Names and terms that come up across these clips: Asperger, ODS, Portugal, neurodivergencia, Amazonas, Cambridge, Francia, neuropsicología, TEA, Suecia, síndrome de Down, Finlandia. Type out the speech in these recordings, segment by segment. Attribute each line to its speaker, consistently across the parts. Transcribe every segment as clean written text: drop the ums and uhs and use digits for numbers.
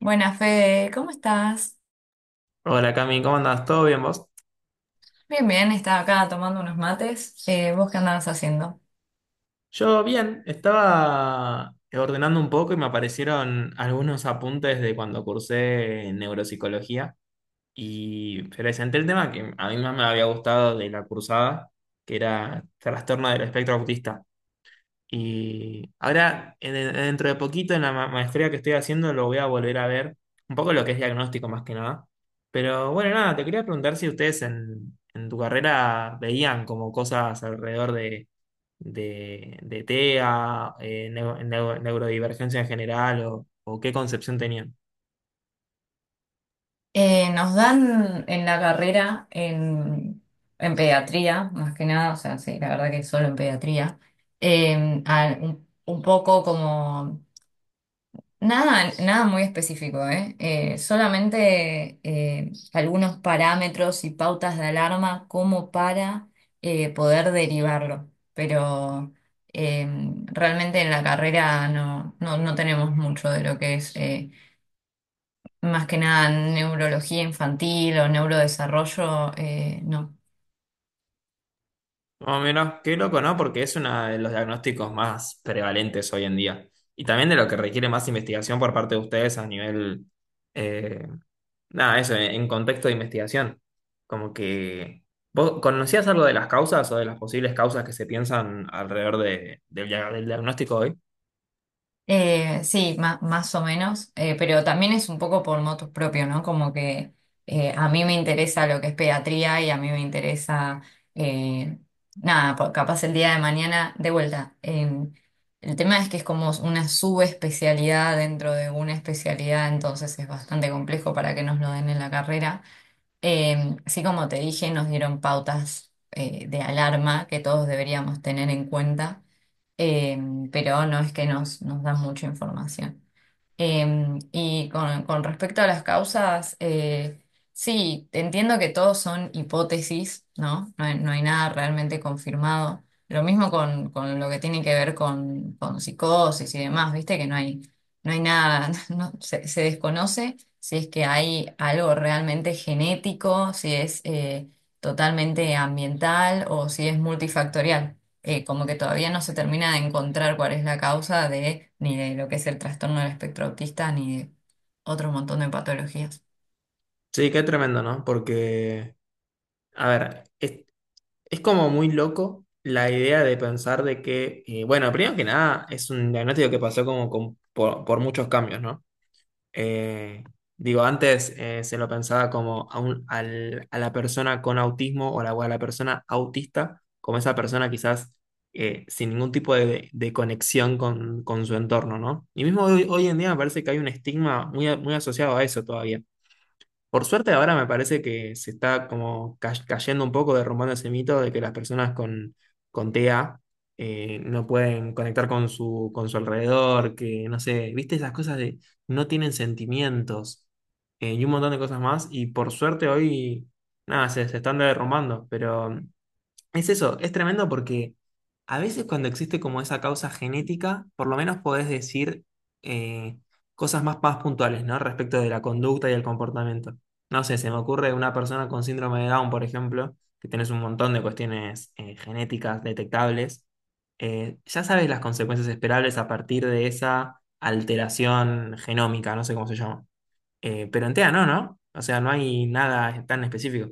Speaker 1: Buenas, Fede, ¿cómo estás?
Speaker 2: Hola Cami, ¿cómo andás? ¿Todo bien vos?
Speaker 1: Bien, bien, estaba acá tomando unos mates. ¿Vos qué andabas haciendo?
Speaker 2: Yo bien, estaba ordenando un poco y me aparecieron algunos apuntes de cuando cursé neuropsicología y presenté el tema que a mí más me había gustado de la cursada, que era trastorno del espectro autista. Y ahora, dentro de poquito, en la maestría que estoy haciendo, lo voy a volver a ver. Un poco lo que es diagnóstico más que nada. Pero bueno, nada, te quería preguntar si ustedes en tu carrera veían como cosas alrededor de TEA, neurodivergencia en general, o qué concepción tenían.
Speaker 1: Nos dan en la carrera, en pediatría, más que nada, o sea, sí, la verdad que solo en pediatría, un poco como nada, nada muy específico, ¿eh? Solamente algunos parámetros y pautas de alarma como para poder derivarlo. Pero eh, realmente en la carrera no tenemos mucho de lo que es más que nada neurología infantil o neurodesarrollo, no.
Speaker 2: Más o menos, qué loco, ¿no? Porque es uno de los diagnósticos más prevalentes hoy en día. Y también de lo que requiere más investigación por parte de ustedes a nivel. Nada, eso, en contexto de investigación. Como que. ¿Vos conocías algo de las causas o de las posibles causas que se piensan alrededor del diagnóstico hoy?
Speaker 1: Sí, más o menos, pero también es un poco por motus propio, ¿no? Como que a mí me interesa lo que es pediatría y a mí me interesa, eh, nada, capaz el día de mañana, de vuelta. El tema es que es como una subespecialidad dentro de una especialidad, entonces es bastante complejo para que nos lo den en la carrera. Eh, así como te dije, nos dieron pautas de alarma que todos deberíamos tener en cuenta, eh, pero no es que nos dan mucha información. Y con respecto a las causas, sí, entiendo que todos son hipótesis, ¿no? No hay nada realmente confirmado. Lo mismo con lo que tiene que ver con psicosis y demás, ¿viste? Que no hay nada, se desconoce si es que hay algo realmente genético, si es totalmente ambiental o si es multifactorial como que todavía no se termina de encontrar cuál es la causa de ni de lo que es el trastorno del espectro autista ni de otro montón de patologías.
Speaker 2: Sí, qué tremendo, ¿no? Porque, a ver, es como muy loco la idea de pensar de que, bueno, primero que nada, es un diagnóstico que pasó como por muchos cambios, ¿no? Eh, digo, antes se lo pensaba como a la persona con autismo o o a la persona autista, como esa persona quizás sin ningún tipo de conexión con su entorno, ¿no? Y mismo hoy en día me parece que hay un estigma muy, muy asociado a eso todavía. Por suerte ahora me parece que se está como cayendo un poco, derrumbando ese mito de que las personas con TEA no pueden conectar con con su alrededor, que no sé, viste esas cosas de no tienen sentimientos y un montón de cosas más y por suerte hoy nada, se están derrumbando, pero es eso, es tremendo porque a veces cuando existe como esa causa genética, por lo menos podés decir eh, cosas más puntuales, ¿no? Respecto de la conducta y el comportamiento. No sé, se me ocurre una persona con síndrome de Down, por ejemplo, que tenés un montón de cuestiones genéticas detectables, ya sabes las consecuencias esperables a partir de esa alteración genómica, no sé cómo se llama. Pero en TEA no, ¿no? O sea, no hay nada tan específico.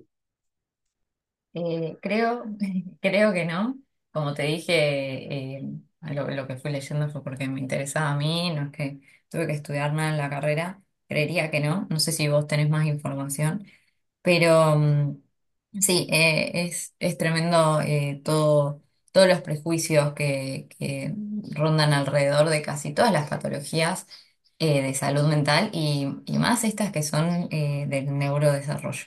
Speaker 1: Creo, creo que no. Como te dije, lo que fui leyendo fue porque me interesaba a mí, no es que tuve que estudiar nada en la carrera. Creería que no. No sé si vos tenés más información. Pero sí, es tremendo todo, todos los prejuicios que rondan alrededor de casi todas las patologías de salud mental y más estas que son del neurodesarrollo.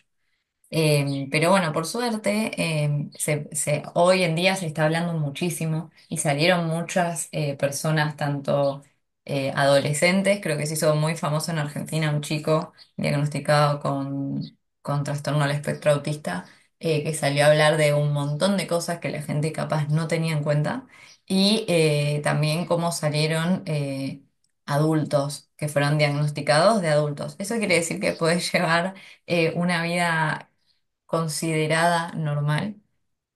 Speaker 1: Pero bueno, por suerte, hoy en día se está hablando muchísimo y salieron muchas personas, tanto adolescentes, creo que se hizo muy famoso en Argentina un chico diagnosticado con trastorno al espectro autista, que salió a hablar de un montón de cosas que la gente capaz no tenía en cuenta y también cómo salieron adultos que fueron diagnosticados de adultos. Eso quiere decir que puedes llevar una vida considerada normal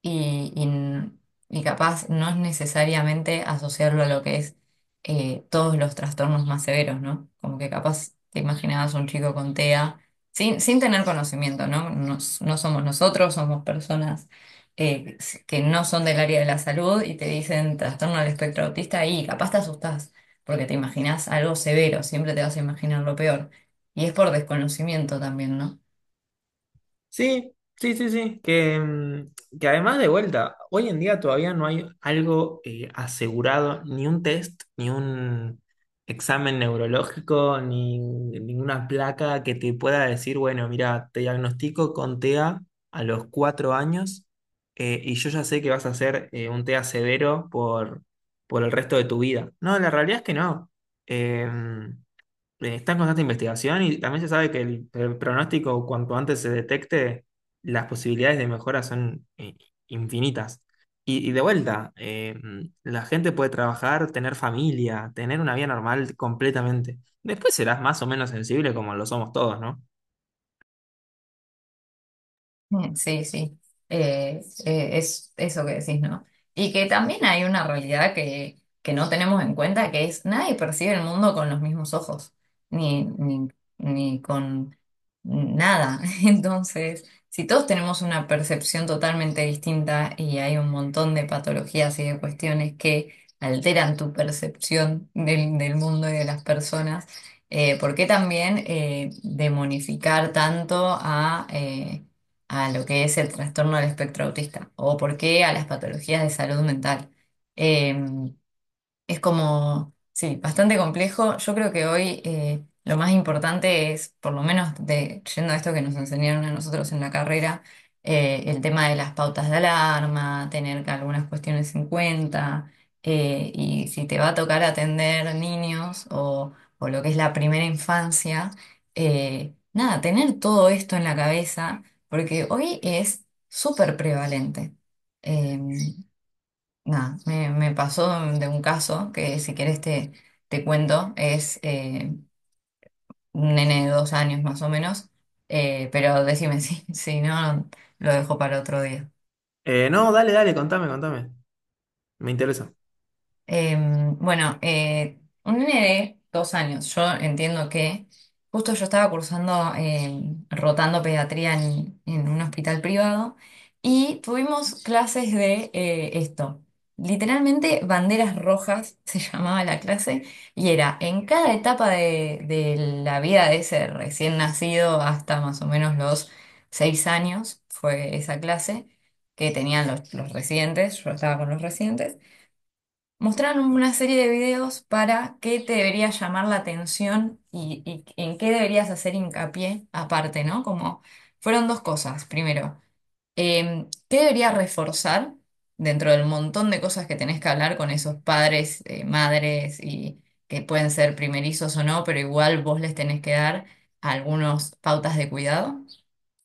Speaker 1: y, y n- y capaz no es necesariamente asociarlo a lo que es todos los trastornos más severos, ¿no? Como que capaz te imaginabas un chico con TEA sin tener conocimiento, ¿no? No somos nosotros, somos personas eh, que no son del área de la salud y te dicen trastorno del espectro autista y capaz te asustás porque te imaginas algo severo, siempre te vas a imaginar lo peor. Y es por desconocimiento también, ¿no?
Speaker 2: Sí, sí, sí, sí. Que, que además de vuelta, hoy en día todavía no hay algo asegurado, ni un test, ni un examen neurológico, ni ninguna placa que te pueda decir, bueno, mira, te diagnostico con TEA a los cuatro años y yo ya sé que vas a hacer un TEA severo por el resto de tu vida. No, la realidad es que no. Em, está en constante investigación y también se sabe que el pronóstico, cuanto antes se detecte, las posibilidades de mejora son infinitas. Y de vuelta, la gente puede trabajar, tener familia, tener una vida normal completamente. Después serás más o menos sensible como lo somos todos, ¿no?
Speaker 1: Mm, sí, sí, es eso que decís, ¿no? Y que también hay una realidad que no tenemos en cuenta, que es nadie percibe el mundo con los mismos ojos, ni, ni, ni con nada. Entonces, si todos tenemos una percepción totalmente distinta y hay un montón de patologías y de cuestiones que alteran tu percepción del mundo y de las personas, ¿por qué también demonificar tanto a lo que es el trastorno del espectro autista o por qué a las patologías de salud mental? Em, es como, sí, bastante complejo. Yo creo que hoy lo más importante es, por lo menos de, yendo a esto que nos enseñaron a nosotros en la carrera, el tema de las pautas de alarma, tener que algunas cuestiones en cuenta, y si te va a tocar atender niños o lo que es la primera infancia, nada, tener todo esto en la cabeza, porque hoy es súper prevalente. Nada, me pasó de un caso que si quieres te cuento, es un nene de 2 años más o menos, pero decime si, si no, lo dejo para otro día.
Speaker 2: No, dale, dale, contame, contame. Me interesa.
Speaker 1: Eh, bueno, un nene de 2 años, yo entiendo que justo yo estaba cursando, rotando pediatría en un hospital privado y tuvimos clases de esto. Literalmente banderas rojas se llamaba la clase y era en cada etapa de la vida de ese recién nacido hasta más o menos los 6 años, fue esa clase que tenían los residentes, yo estaba con los residentes. Mostraron una serie de videos para qué te debería llamar la atención y en qué deberías hacer hincapié aparte, ¿no? Como fueron dos cosas. Primero, ¿qué deberías reforzar dentro del montón de cosas que tenés que hablar con esos padres, madres y que pueden ser primerizos o no, pero igual vos les tenés que dar algunas pautas de cuidado?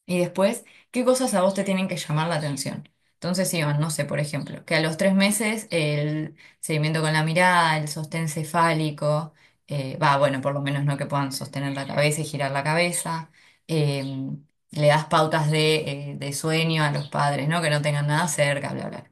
Speaker 1: Y después, ¿qué cosas a vos te tienen que llamar la atención? Entonces, Iván, no sé, por ejemplo, que a los 3 meses el seguimiento con la mirada, el sostén cefálico, va, bueno, por lo menos no que puedan sostener la cabeza y girar la cabeza, eh, le das pautas de sueño a los padres, ¿no? Que no tengan nada cerca, bla, bla.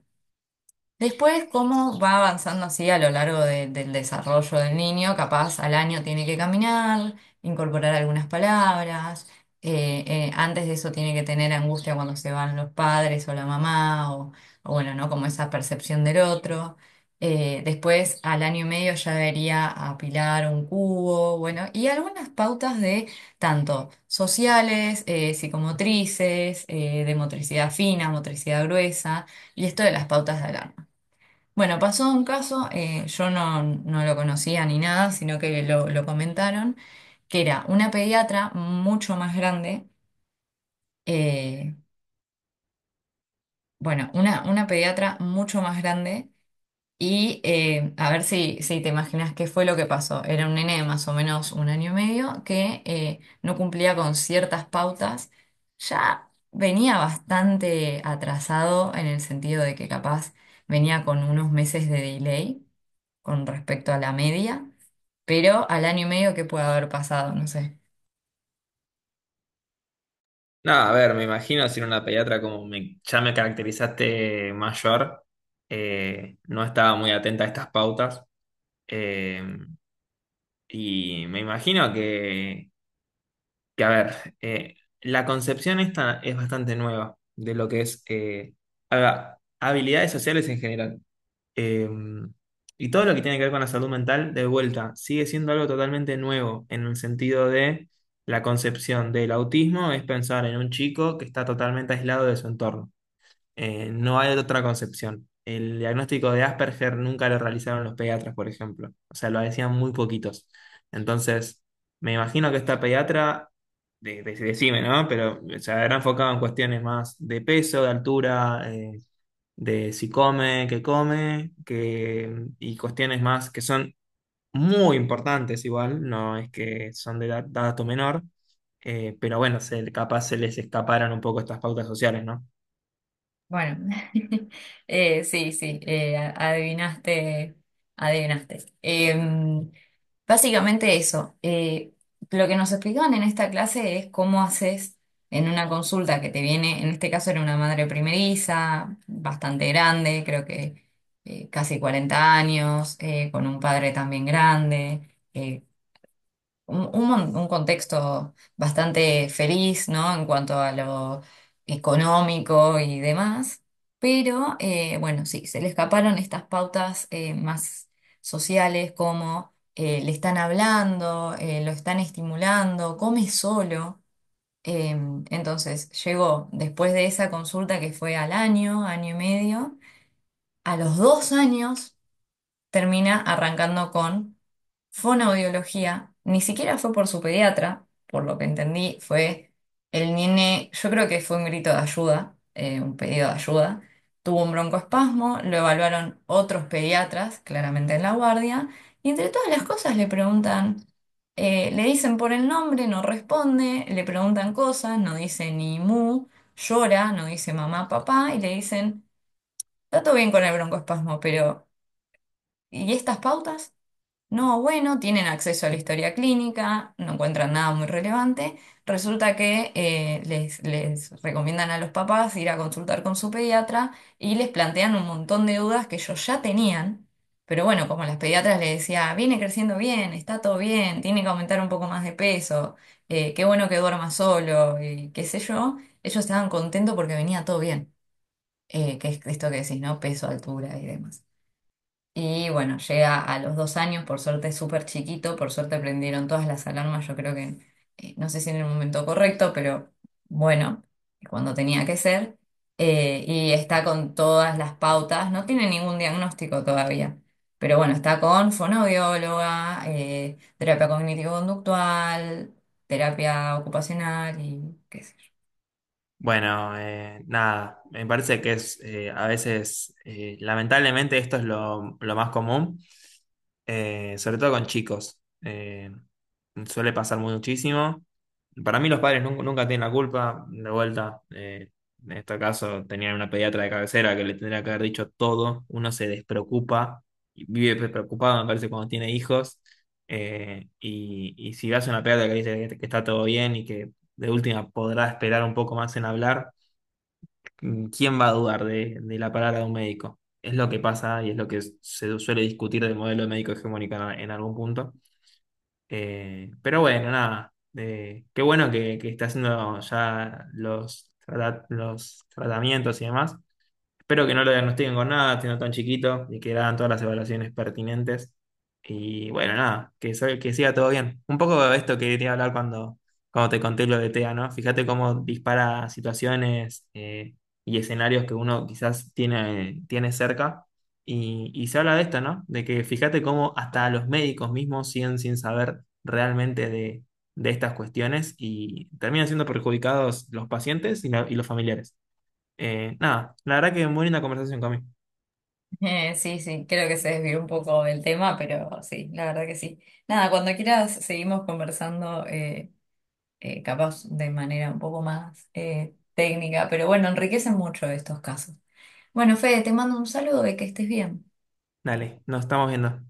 Speaker 1: Después, cómo va avanzando así a lo largo del desarrollo del niño, capaz al año tiene que caminar, incorporar algunas palabras, antes de eso tiene que tener angustia cuando se van los padres o la mamá, o bueno, ¿no? Como esa percepción del otro. Después, al año y medio ya debería apilar un cubo, bueno, y algunas pautas de tanto sociales, psicomotrices, de motricidad fina, motricidad gruesa, y esto de las pautas de alarma. Bueno, pasó un caso, yo no lo conocía ni nada, sino que lo comentaron, que era una pediatra mucho más grande, eh, bueno, una pediatra mucho más grande y a ver si te imaginas qué fue lo que pasó. Era un nene de más o menos un año y medio que no cumplía con ciertas pautas, ya venía bastante atrasado en el sentido de que capaz venía con unos meses de delay con respecto a la media. Pero al año y medio, ¿qué puede haber pasado? No sé.
Speaker 2: No, a ver, me imagino si era una pediatra como ya me caracterizaste mayor, no estaba muy atenta a estas pautas. Eh, Y me imagino que a ver, eh, la concepción esta es bastante nueva de lo que es habilidades sociales en general. Eh, y todo lo que tiene que ver con la salud mental, de vuelta, sigue siendo algo totalmente nuevo en el sentido de la concepción del autismo es pensar en un chico que está totalmente aislado de su entorno. No hay otra concepción. El diagnóstico de Asperger nunca lo realizaron los pediatras, por ejemplo. O sea, lo hacían muy poquitos. Entonces, me imagino que esta pediatra, decime, ¿no? Pero se habrá enfocado en cuestiones más de peso, de altura, de si come, qué come, y cuestiones más que son muy importantes igual, no es que son de dato menor, pero bueno, se, capaz se les escaparan un poco estas pautas sociales, ¿no?
Speaker 1: Bueno, sí, sí, adivinaste, adivinaste. Básicamente eso, lo que nos explicaban en esta clase es cómo haces en una consulta que te viene, en este caso era una madre primeriza, bastante grande, creo que casi 40 años, con un padre también grande un un contexto bastante feliz, ¿no? En cuanto a lo económico y demás. Pero bueno, sí, se le escaparon estas pautas más sociales como le están hablando, lo están estimulando, come solo. Eh, entonces llegó después de esa consulta que fue al año, año y medio, a los 2 años termina arrancando con Fonoaudiología, ni siquiera fue por su pediatra, por lo que entendí, fue el nene, yo creo que fue un grito de ayuda, un pedido de ayuda. Tuvo un broncoespasmo, lo evaluaron otros pediatras, claramente en la guardia, y entre todas las cosas le preguntan, le dicen por el nombre, no responde, le preguntan cosas, no dice ni mu, llora, no dice mamá, papá, y le dicen, está todo bien con el broncoespasmo, pero ¿y estas pautas? No, bueno, tienen acceso a la historia clínica, no encuentran nada muy relevante. Resulta que les recomiendan a los papás ir a consultar con su pediatra y les plantean un montón de dudas que ellos ya tenían, pero bueno, como las pediatras les decía, viene creciendo bien, está todo bien, tiene que aumentar un poco más de peso, qué bueno que duerma solo y qué sé yo, ellos estaban contentos porque venía todo bien, que es esto que decís, ¿no? Peso, altura y demás. Y bueno, llega a los 2 años, por suerte es súper chiquito, por suerte prendieron todas las alarmas, yo creo que, no sé si en el momento correcto, pero bueno, cuando tenía que ser, y está con todas las pautas, no tiene ningún diagnóstico todavía, pero bueno, está con fonoaudióloga, terapia cognitivo-conductual, terapia ocupacional y qué sé.
Speaker 2: Bueno, nada, me parece que es a veces, lamentablemente esto es lo más común, sobre todo con chicos. Suele pasar muchísimo. Para mí los padres nunca, tienen la culpa, de vuelta. Eh, en este caso tenían una pediatra de cabecera que le tendría que haber dicho todo. Uno se despreocupa, y vive preocupado, me parece, cuando tiene hijos. Y si vas a una pediatra que dice que está todo bien y que de última podrá esperar un poco más en hablar. Mm, ¿quién va a dudar de la palabra de un médico? Es lo que pasa y es lo que se suele discutir del modelo de médico hegemónico en algún punto. Pero bueno, nada. Eh, qué bueno que está haciendo ya los, los tratamientos y demás. Espero que no lo diagnostiquen con nada, siendo tan chiquito, y que le hagan todas las evaluaciones pertinentes. Y bueno, nada, que, que siga todo bien. Un poco de esto que te iba a hablar cuando, cuando te conté lo de TEA, ¿no? Fíjate cómo dispara situaciones y escenarios que uno quizás tiene cerca. Y se habla de esto, ¿no? De que fíjate cómo hasta los médicos mismos siguen sin saber realmente de estas cuestiones y terminan siendo perjudicados los pacientes y y los familiares. Nada, la verdad que muy linda conversación, Cami.
Speaker 1: Sí, sí, creo que se desvió un poco del tema, pero sí, la verdad que sí. Nada, cuando quieras seguimos conversando, capaz de manera un poco más técnica, pero bueno, enriquecen mucho estos casos. Bueno, Fede, te mando un saludo y que estés bien.
Speaker 2: Dale, nos estamos viendo.